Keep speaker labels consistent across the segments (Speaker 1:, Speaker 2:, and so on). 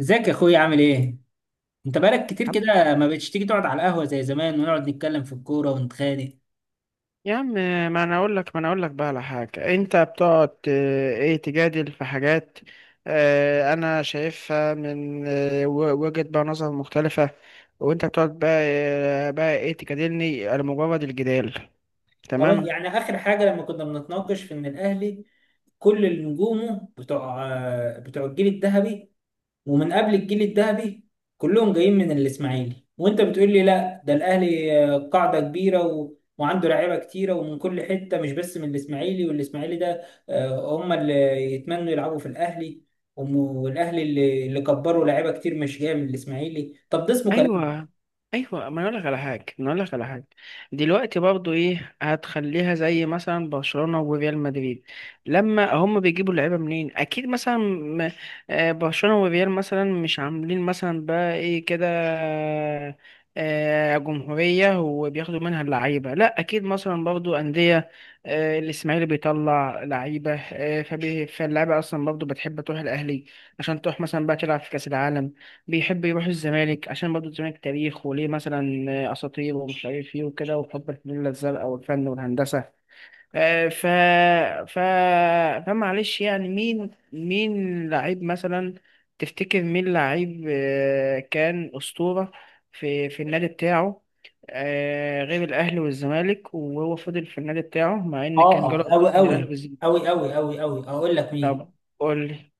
Speaker 1: ازيك يا اخويا عامل ايه؟ انت بقالك كتير
Speaker 2: عم-
Speaker 1: كده ما بقتش تيجي تقعد على القهوة زي زمان ونقعد نتكلم في الكورة ونتخانق.
Speaker 2: يا عم، ما انا اقول لك بقى على حاجه. انت بتقعد ايه، تجادل في حاجات انا شايفها من وجهه بقى نظر مختلفه، وانت بتقعد بقى بقى ايه، تجادلني على مجرد الجدال.
Speaker 1: طبعا
Speaker 2: تمام.
Speaker 1: يعني اخر حاجة لما كنا بنتناقش في ان الاهلي كل نجومه بتوع الجيل الذهبي ومن قبل الجيل الذهبي كلهم جايين من الاسماعيلي، وانت بتقول لي لا ده الاهلي قاعده كبيره وعنده لعيبه كتيره ومن كل حته مش بس من الاسماعيلي. والاسماعيلي ده هم اللي يتمنوا يلعبوا في الاهلي، والاهلي اللي كبروا لعيبه كتير مش جايه من الاسماعيلي. طب ده اسمه كلام؟
Speaker 2: ايوه، ايوه، ما أنا اقول لك على حاجه ما أنا اقول لك على حاجه. دلوقتي برضو ايه، هتخليها زي مثلا برشلونه وريال مدريد؟ لما هم بيجيبوا اللعيبه منين؟ اكيد مثلا برشلونه وريال مثلا مش عاملين مثلا بقى ايه كده جمهوريه وبياخدوا منها اللعيبه. لا، اكيد مثلا برضو انديه الاسماعيلي بيطلع لعيبه. فاللعيبه اصلا برضو بتحب تروح الاهلي عشان تروح مثلا بقى تلعب في كاس العالم، بيحب يروح الزمالك عشان برضه الزمالك تاريخ وليه مثلا أساطير ومش عارف إيه وكده، وحب الفانيلا الزرقاء والفن والهندسة. آه، ف ف فمعلش. يعني مين لعيب مثلا تفتكر مين لعيب كان أسطورة في النادي بتاعه غير الأهلي والزمالك، وهو فضل في النادي بتاعه مع إن
Speaker 1: اه
Speaker 2: كان جاله
Speaker 1: اه
Speaker 2: عقود
Speaker 1: قوي
Speaker 2: من الأهلي
Speaker 1: قوي
Speaker 2: والزمالك؟
Speaker 1: قوي قوي قوي قوي، اقول لك مين.
Speaker 2: طب قول لي.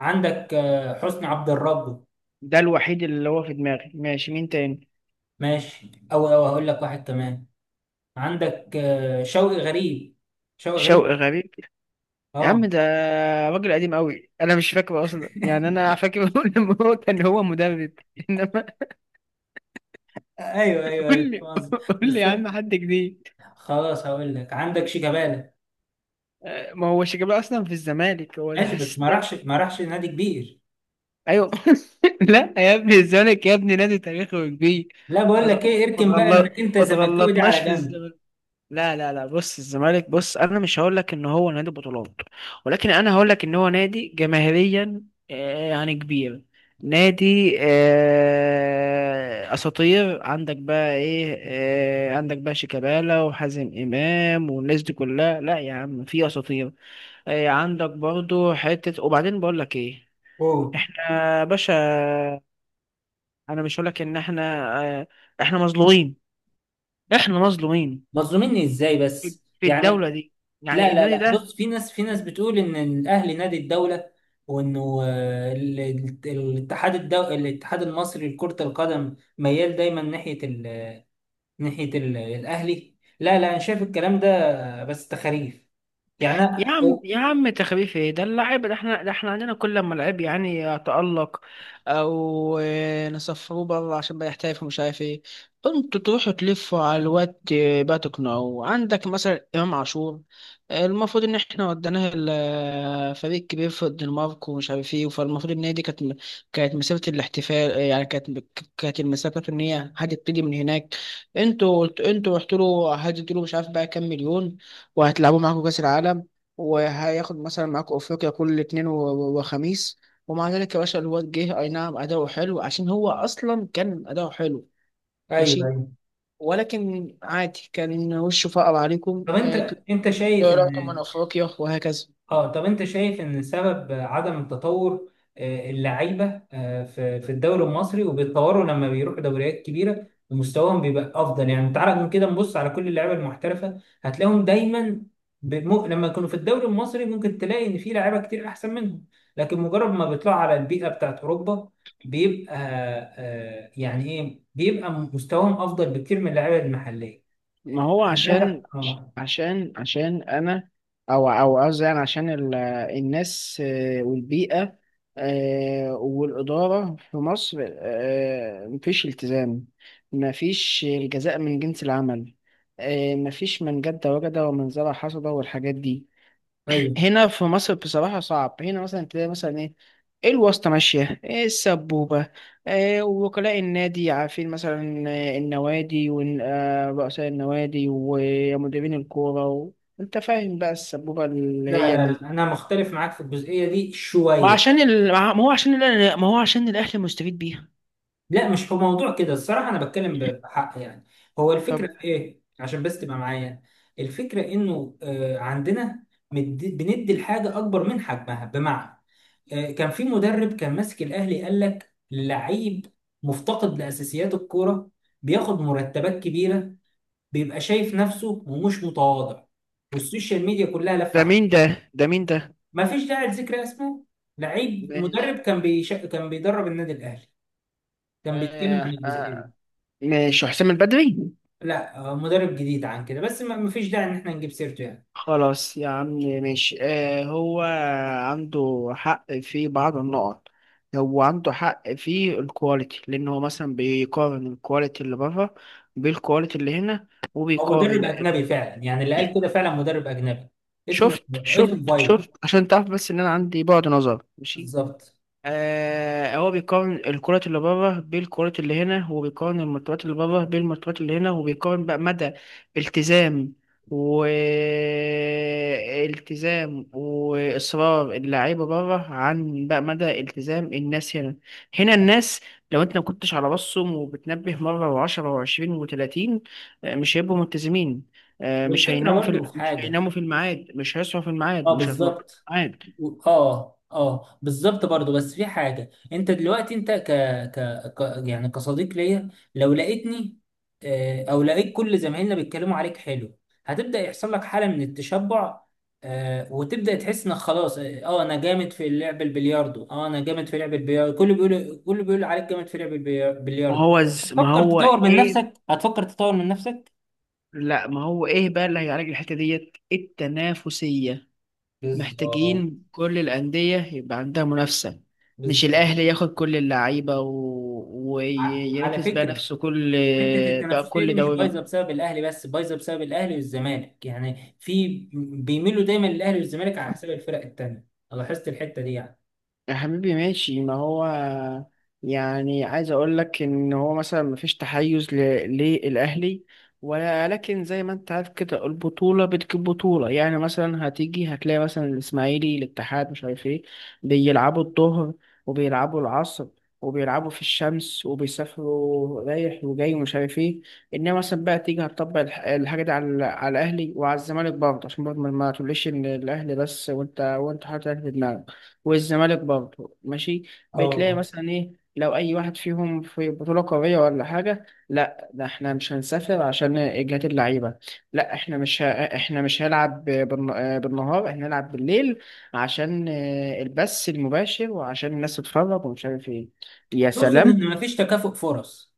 Speaker 1: عندك حسني عبد الرب.
Speaker 2: ده الوحيد اللي هو في دماغي، ماشي. مين تاني؟
Speaker 1: ماشي قوي قوي، هقول لك واحد كمان. عندك شوقي غريب، شوقي غريب.
Speaker 2: شوقي غريب؟ يا عم
Speaker 1: اه
Speaker 2: ده راجل قديم قوي، انا مش فاكره اصلا، يعني انا فاكر لما هو كان هو مدرب، انما
Speaker 1: ايوه ايوه
Speaker 2: قول
Speaker 1: أيوة،
Speaker 2: لي،
Speaker 1: فاهم قصدك.
Speaker 2: قول لي
Speaker 1: بس
Speaker 2: يا عم حد جديد.
Speaker 1: خلاص هقول لك، عندك شيكابالا.
Speaker 2: ما هو شيكابالا اصلا في الزمالك، هو ده
Speaker 1: ماشي، بس ما
Speaker 2: حسيت.
Speaker 1: راحش ما راحش نادي كبير.
Speaker 2: ايوه. لا يا ابني، الزمالك يا ابني نادي تاريخي وكبير.
Speaker 1: لا بقول
Speaker 2: ما تغل-
Speaker 1: لك ايه، اركن بقى انك انت
Speaker 2: ما
Speaker 1: زملكاوي دي على
Speaker 2: تغلطناش في
Speaker 1: جنب.
Speaker 2: الزمالك. لا لا لا، بص الزمالك، بص، انا مش هقول لك ان هو نادي بطولات، ولكن انا هقول لك ان هو نادي جماهيريا يعني كبير. نادي اساطير. عندك بقى ايه، عندك بقى شيكابالا وحازم امام والناس دي كلها. لا يا عم، في اساطير. عندك برضو حتة. وبعدين بقول لك ايه،
Speaker 1: اوه،
Speaker 2: احنا يا باشا، انا مش هقول لك ان احنا آه، احنا مظلومين، احنا مظلومين
Speaker 1: مظلوميني ازاي
Speaker 2: في
Speaker 1: بس
Speaker 2: في
Speaker 1: يعني؟
Speaker 2: الدولة دي، يعني
Speaker 1: لا لا
Speaker 2: النادي
Speaker 1: لا،
Speaker 2: ده.
Speaker 1: بص، في ناس بتقول ان الاهلي نادي الدوله، وانه الاتحاد المصري لكرة القدم ميال دايما ناحية الاهلي. لا لا، انا شايف الكلام ده بس تخاريف يعني
Speaker 2: يا عم
Speaker 1: أو-
Speaker 2: يا عم، تخفيف ايه ده؟ اللعيب ده احنا، ده احنا عندنا كل ما لعيب يعني يتألق، او نسفروه بره عشان بقى يحترف ومش عارف ايه. انتوا تروحوا تلفوا على الواد بقى تقنعوه. عندك مثلا امام عاشور، المفروض ان احنا وديناه فريق كبير في الدنمارك ومش عارف ايه، فالمفروض ان هي دي كانت كانت مسيره الاحتفال. يعني كانت المسيره بتاعته ان هي هتبتدي من هناك. انتوا رحتوا له، هديتوا له مش عارف بقى كام مليون، وهتلعبوا معاكم كاس العالم، وهياخد مثلا معاكوا افريقيا كل اتنين وخميس. ومع ذلك يا باشا الواد جه، اي نعم اداؤه حلو عشان هو اصلا كان اداؤه حلو،
Speaker 1: ايوه
Speaker 2: ماشي.
Speaker 1: أيوه.
Speaker 2: ولكن عادي، كان وشه فقر عليكم،
Speaker 1: طب انت انت شايف
Speaker 2: طلعتوا من
Speaker 1: ان
Speaker 2: افريقيا وهكذا.
Speaker 1: اه طب انت شايف ان سبب عدم التطور اللعيبه في الدوري المصري، وبيتطوروا لما بيروحوا دوريات كبيره ومستواهم بيبقى افضل. يعني تعالى من كده نبص على كل اللعيبه المحترفه، هتلاقيهم دايما لما يكونوا في الدوري المصري ممكن تلاقي ان في لعيبه كتير احسن منهم، لكن مجرد ما بيطلعوا على البيئه بتاعت اوروبا بيبقى آه، يعني ايه بيبقى مستواهم افضل بكتير من اللعيبه المحليه.
Speaker 2: ما هو
Speaker 1: أنا عايز
Speaker 2: عشان عشان انا، او او قصدي يعني عشان الناس والبيئة والإدارة في مصر، مفيش التزام، مفيش الجزاء من جنس العمل، مفيش من جد وجد، ومن زرع حصد، والحاجات دي.
Speaker 1: ايوه.
Speaker 2: هنا في مصر بصراحة صعب. هنا مثلا تلاقي مثلا ايه، الواسطة ماشية إيه، السبوبة إيه، وكلاء النادي عارفين مثلا النوادي ورؤساء النوادي ومديرين الكورة و... انت فاهم بقى السبوبة اللي
Speaker 1: لا
Speaker 2: هي
Speaker 1: لا
Speaker 2: من.
Speaker 1: لا، انا مختلف معاك في الجزئيه دي
Speaker 2: ما
Speaker 1: شويه.
Speaker 2: عشان ال... ما هو عشان ال... ما هو عشان الأهلي مستفيد بيها.
Speaker 1: لا مش في موضوع كده، الصراحه انا بتكلم بحق يعني. هو الفكره
Speaker 2: طب
Speaker 1: في ايه؟ عشان بس تبقى معايا، الفكره انه عندنا بندي الحاجه اكبر من حجمها. بمعنى كان في مدرب كان ماسك الاهلي قال لك لعيب مفتقد لاساسيات الكوره، بياخد مرتبات كبيره، بيبقى شايف نفسه ومش متواضع، والسوشيال ميديا كلها
Speaker 2: ده
Speaker 1: لفه.
Speaker 2: مين ده ده مين ده
Speaker 1: ما فيش داعي لذكر اسمه، لعيب مدرب
Speaker 2: ماشي.
Speaker 1: كان بيدرب النادي الاهلي، كان بيتكلم عن
Speaker 2: آه
Speaker 1: الجزئيه دي.
Speaker 2: آه. ماشي حسام البدري؟
Speaker 1: لا هو مدرب جديد عن كده، بس ما فيش داعي ان احنا نجيب سيرته يعني.
Speaker 2: خلاص يا عم ماشي. هو عنده حق في بعض النقط. هو عنده حق في الكواليتي، لأن هو مثلا بيقارن الكواليتي اللي بره بالكواليتي اللي هنا،
Speaker 1: هو مدرب
Speaker 2: وبيقارن.
Speaker 1: اجنبي فعلا، يعني اللي قال كده فعلا مدرب اجنبي،
Speaker 2: شفت،
Speaker 1: اسمه
Speaker 2: شفت،
Speaker 1: فايلر.
Speaker 2: شفت، عشان تعرف بس إن أنا عندي بعد نظر، ماشي.
Speaker 1: بالظبط.
Speaker 2: هو بيقارن الكرة اللي بره بالكرة اللي هنا، وبيقارن المرتبات اللي بره بالمرتبات اللي هنا، وبيقارن بقى مدى التزام، والتزام وإصرار اللعيبة بره، عن بقى مدى التزام الناس هنا. هنا الناس لو انت ما كنتش على راسهم وبتنبه مرة و10 و20 و30، مش هيبقوا ملتزمين. مش
Speaker 1: والفكره
Speaker 2: هيناموا
Speaker 1: برضو في
Speaker 2: مش
Speaker 1: حاجه.
Speaker 2: هيناموا في الميعاد، مش هيصحوا في الميعاد،
Speaker 1: اه
Speaker 2: مش هيتنططوا في
Speaker 1: بالظبط.
Speaker 2: الميعاد.
Speaker 1: اه اه بالظبط برضو، بس في حاجة. انت دلوقتي، انت يعني كصديق ليا، لو لقيتني او لقيت كل زمايلنا بيتكلموا عليك حلو، هتبدأ يحصل لك حالة من التشبع. وتبدأ تحس انك خلاص اه انا جامد في لعب البلياردو. كله بيقول عليك جامد في لعب البلياردو.
Speaker 2: ما
Speaker 1: هتفكر
Speaker 2: هو
Speaker 1: تطور من
Speaker 2: ايه.
Speaker 1: نفسك، هتفكر تطور من نفسك.
Speaker 2: لا، ما هو ايه بقى اللي هيعالج الحته ديت؟ التنافسيه.
Speaker 1: بالظبط.
Speaker 2: محتاجين كل الانديه يبقى عندها منافسه، مش
Speaker 1: بالظبط.
Speaker 2: الاهلي ياخد كل اللعيبه
Speaker 1: على
Speaker 2: وينافس بقى
Speaker 1: فكرة،
Speaker 2: نفسه كل،
Speaker 1: حته
Speaker 2: بقى
Speaker 1: التنافسيه دي
Speaker 2: كل
Speaker 1: مش
Speaker 2: دوري.
Speaker 1: بايظه بسبب الاهلي بس، بايظه بسبب الاهلي والزمالك. يعني في، بيميلوا دايما للاهلي والزمالك على حساب الفرق التانيه. أنا لاحظت الحته دي يعني.
Speaker 2: يا حبيبي ماشي. ما هو يعني عايز اقول لك ان هو مثلا مفيش تحيز للاهلي ولا، لكن زي ما انت عارف كده البطوله بتجيب بطوله. يعني مثلا هتيجي هتلاقي مثلا الاسماعيلي، الاتحاد، مش عارف ايه، بيلعبوا الظهر وبيلعبوا العصر وبيلعبوا في الشمس وبيسافروا رايح وجاي ومش عارف ايه. انما مثلا بقى تيجي هتطبق الحاجه دي على الاهلي وعلى الزمالك برضه، عشان برضه ما تقوليش ان الاهلي بس، وانت حاطط الاهلي في دماغك، والزمالك برضه ماشي.
Speaker 1: اه
Speaker 2: بتلاقي
Speaker 1: آه.
Speaker 2: مثلا ايه، لو اي واحد فيهم في بطولة قارية ولا حاجة، لا ده احنا مش هنسافر عشان اجهاد اللعيبة، لا احنا مش ه... احنا مش هنلعب بالنهار، احنا هنلعب بالليل عشان البث المباشر وعشان الناس تتفرج ومش عارف ايه. يا
Speaker 1: تقصد
Speaker 2: سلام.
Speaker 1: ان مفيش تكافؤ فرص،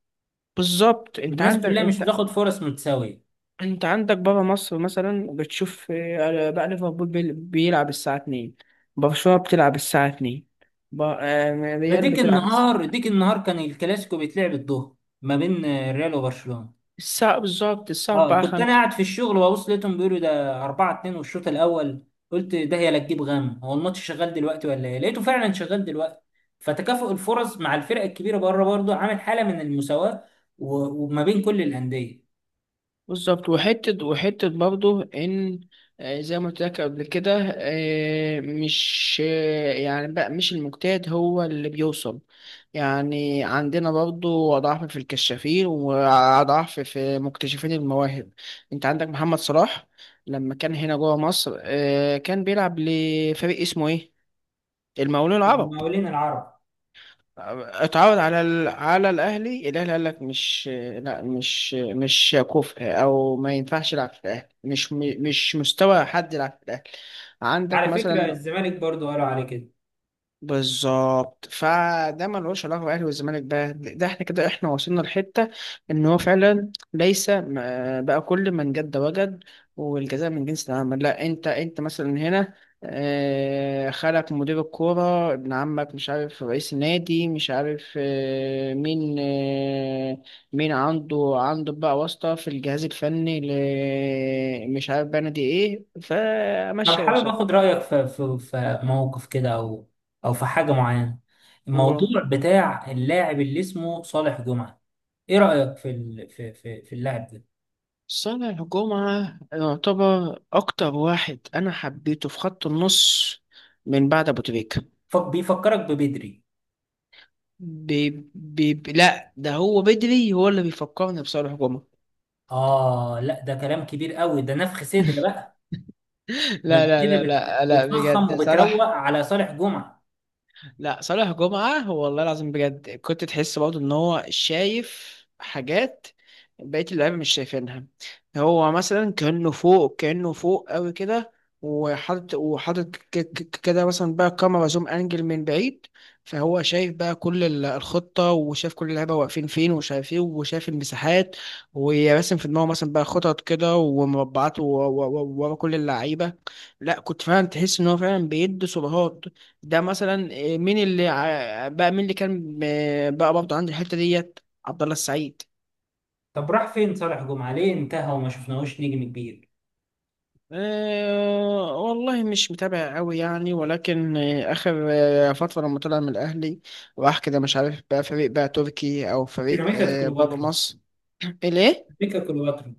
Speaker 2: بالظبط. انت
Speaker 1: الناس كلها مش
Speaker 2: عندك،
Speaker 1: بتاخد فرص متساويه.
Speaker 2: انت عندك بره مصر مثلا بتشوف بقى ليفربول بيلعب الساعة 2، برشلونة بتلعب الساعة 2،
Speaker 1: ده
Speaker 2: ريال
Speaker 1: ديك
Speaker 2: بتلعب
Speaker 1: النهار ديك النهار كان الكلاسيكو بيتلعب الظهر ما بين الريال وبرشلونه.
Speaker 2: الساعة بالظبط، الساعة
Speaker 1: اه
Speaker 2: 4
Speaker 1: كنت انا
Speaker 2: 5
Speaker 1: قاعد في الشغل وابص لقيتهم بيقولوا ده 4-2 والشوط الاول، قلت ده هي، لا تجيب غم، هو الماتش شغال دلوقتي ولا ايه؟ لقيته فعلا شغال دلوقتي. فتكافؤ الفرص مع الفرق الكبيره بره برضه عامل حاله من المساواه وما بين كل الانديه.
Speaker 2: بالظبط. وحتة، وحتة برضه إن زي ما قلت لك قبل كده، مش يعني بقى مش المجتهد هو اللي بيوصل. يعني عندنا برضه ضعف في الكشافين وضعف في مكتشفين المواهب. أنت عندك محمد صلاح، لما كان هنا جوه مصر كان بيلعب لفريق اسمه إيه؟ المقاولون العرب.
Speaker 1: المقاولين العرب.
Speaker 2: اتعود على الاهلي، الاهلي قال لك مش، لا مش كفء، او ما ينفعش يلعب في الاهلي، مش مستوى حد يلعب في الاهلي. عندك
Speaker 1: على فكره
Speaker 2: مثلا.
Speaker 1: الزمالك برضه قالوا عليه كده.
Speaker 2: بالظبط. فده ملوش علاقه بالاهلي والزمالك بقى، ده احنا كده، احنا وصلنا لحته ان هو فعلا ليس م- بقى كل من جد وجد، والجزاء من جنس العمل. لا انت مثلا هنا خالك مدير الكوره، ابن عمك مش عارف رئيس النادي، مش عارف مين، مين عنده بقى واسطه في الجهاز الفني، مش عارف بقى نادي ايه،
Speaker 1: انا
Speaker 2: فمشي
Speaker 1: حابب
Speaker 2: وسط.
Speaker 1: اخد رايك في موقف كده او في حاجه معينه. الموضوع بتاع اللاعب اللي اسمه صالح جمعه، ايه رايك في ال... في في, في اللاعب ده؟
Speaker 2: صانع جمعة يعتبر أكتر واحد أنا حبيته في خط النص من بعد أبو تريكة.
Speaker 1: بيفكرك ببدري.
Speaker 2: بي لا ده هو بدري هو اللي بيفكرني بصالح جمعة.
Speaker 1: آه لا ده كلام كبير قوي، ده نفخ صدر بقى. ده
Speaker 2: لا
Speaker 1: انت
Speaker 2: لا
Speaker 1: كده
Speaker 2: لا لا لا،
Speaker 1: بتفخم
Speaker 2: بجد
Speaker 1: وبتروق
Speaker 2: صلاح.
Speaker 1: على صالح جمعة.
Speaker 2: لا، صالح جمعة والله العظيم بجد، كنت تحس برضه ان هو شايف حاجات بقية اللعيبة مش شايفينها. هو مثلا كأنه فوق، كأنه فوق قوي كده، وحاطط كده مثلا بقى كاميرا زوم انجل من بعيد. فهو شايف بقى كل الخطة، وشايف كل اللعيبة واقفين فين، وشايف ايه، وشايف المساحات، وراسم في دماغه مثلا بقى خطط كده ومربعات ورا كل اللعيبة. لا كنت فعلا تحس ان هو فعلا بيدي سبهات. ده مثلا إيه، مين اللي بقى مين اللي كان بقى برضه عند الحته ديت؟ عبد الله السعيد.
Speaker 1: طب راح فين صالح جمعة؟ ليه انتهى وما شفناهوش نجم كبير؟
Speaker 2: أه والله مش متابع قوي يعني، ولكن اخر فتره لما طلع من الاهلي راح كده مش عارف بقى فريق بقى تركي، او فريق
Speaker 1: سيراميكا
Speaker 2: بابا
Speaker 1: كليوباترا،
Speaker 2: مصر. ليه؟
Speaker 1: سيراميكا كليوباترا.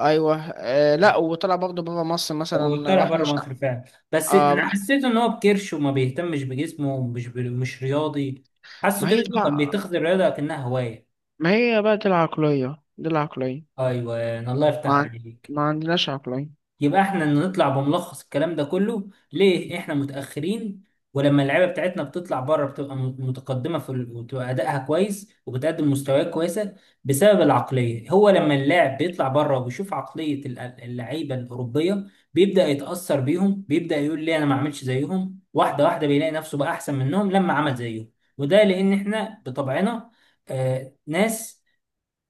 Speaker 2: ايوه. لا، وطلع برضه بابا مصر
Speaker 1: هو
Speaker 2: مثلا
Speaker 1: طلع
Speaker 2: راح،
Speaker 1: بره
Speaker 2: مش
Speaker 1: مصر فعلا، بس
Speaker 2: اه
Speaker 1: انا
Speaker 2: راح.
Speaker 1: حسيت ان هو بكرش وما بيهتمش بجسمه ومش مش رياضي. حاسه
Speaker 2: ما
Speaker 1: كده
Speaker 2: هي
Speaker 1: انه كان
Speaker 2: تبع،
Speaker 1: بيتخذ الرياضة كأنها هواية.
Speaker 2: ما هي بقى دي العقليه، دي العقليه،
Speaker 1: ايوه الله
Speaker 2: ما,
Speaker 1: يفتح
Speaker 2: عن-
Speaker 1: عليك.
Speaker 2: ما عندناش عقليه.
Speaker 1: يبقى احنا نطلع بملخص الكلام ده كله، ليه احنا متأخرين، ولما اللعيبه بتاعتنا بتطلع بره بتبقى متقدمه وبتبقى ادائها كويس وبتقدم مستويات كويسه. بسبب العقليه، هو لما اللاعب بيطلع بره وبيشوف عقليه اللعيبه الاوروبيه بيبدأ يتأثر بيهم، بيبدأ يقول ليه انا ما اعملش زيهم، واحده واحده بيلاقي نفسه بقى احسن منهم لما عمل زيهم. وده لان احنا بطبعنا ناس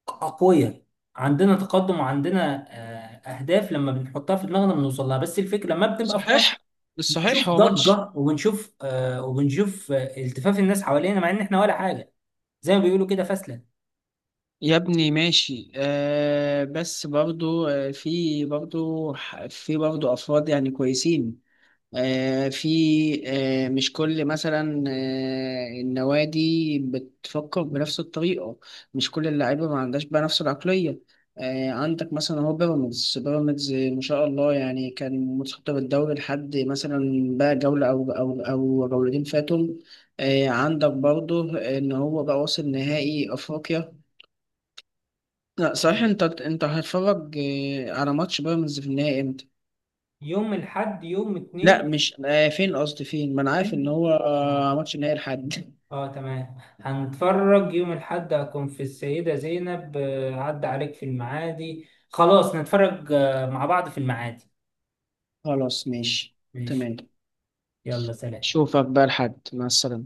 Speaker 1: أقوياء، عندنا تقدم وعندنا أهداف لما بنحطها في دماغنا بنوصل لها. بس الفكرة لما بنبقى في مصر
Speaker 2: صحيح. بالصحيح
Speaker 1: بنشوف
Speaker 2: هو ماتش.
Speaker 1: ضجة، وبنشوف التفاف الناس حوالينا مع إن إحنا ولا حاجة، زي ما بيقولوا كده فاسلة.
Speaker 2: يا ابني ماشي. بس برضو في برضو افراد يعني كويسين. في، مش كل مثلا النوادي بتفكر بنفس الطريقة، مش كل اللعيبة ما عندهاش بقى نفس العقلية. عندك مثلا هو بيراميدز، بيراميدز ما شاء الله يعني، كان متصدر الدوري لحد مثلا بقى جولة، او او او جولتين فاتهم. عندك برضو ان هو بقى واصل نهائي افريقيا. لا صحيح، انت هتتفرج على ماتش بيراميدز في النهائي امتى؟
Speaker 1: يوم الحد، يوم
Speaker 2: لا
Speaker 1: اتنين.
Speaker 2: مش فين قصدي، فين؟ ما انا عارف ان هو
Speaker 1: اه
Speaker 2: ماتش النهائي الحد.
Speaker 1: تمام، هنتفرج يوم الحد. هكون في السيدة زينب عدى عليك في المعادي، خلاص نتفرج مع بعض في المعادي.
Speaker 2: خلاص ماشي،
Speaker 1: ماشي.
Speaker 2: تمام.
Speaker 1: يلا سلام.
Speaker 2: شوفك بقى الحد، مع السلامة.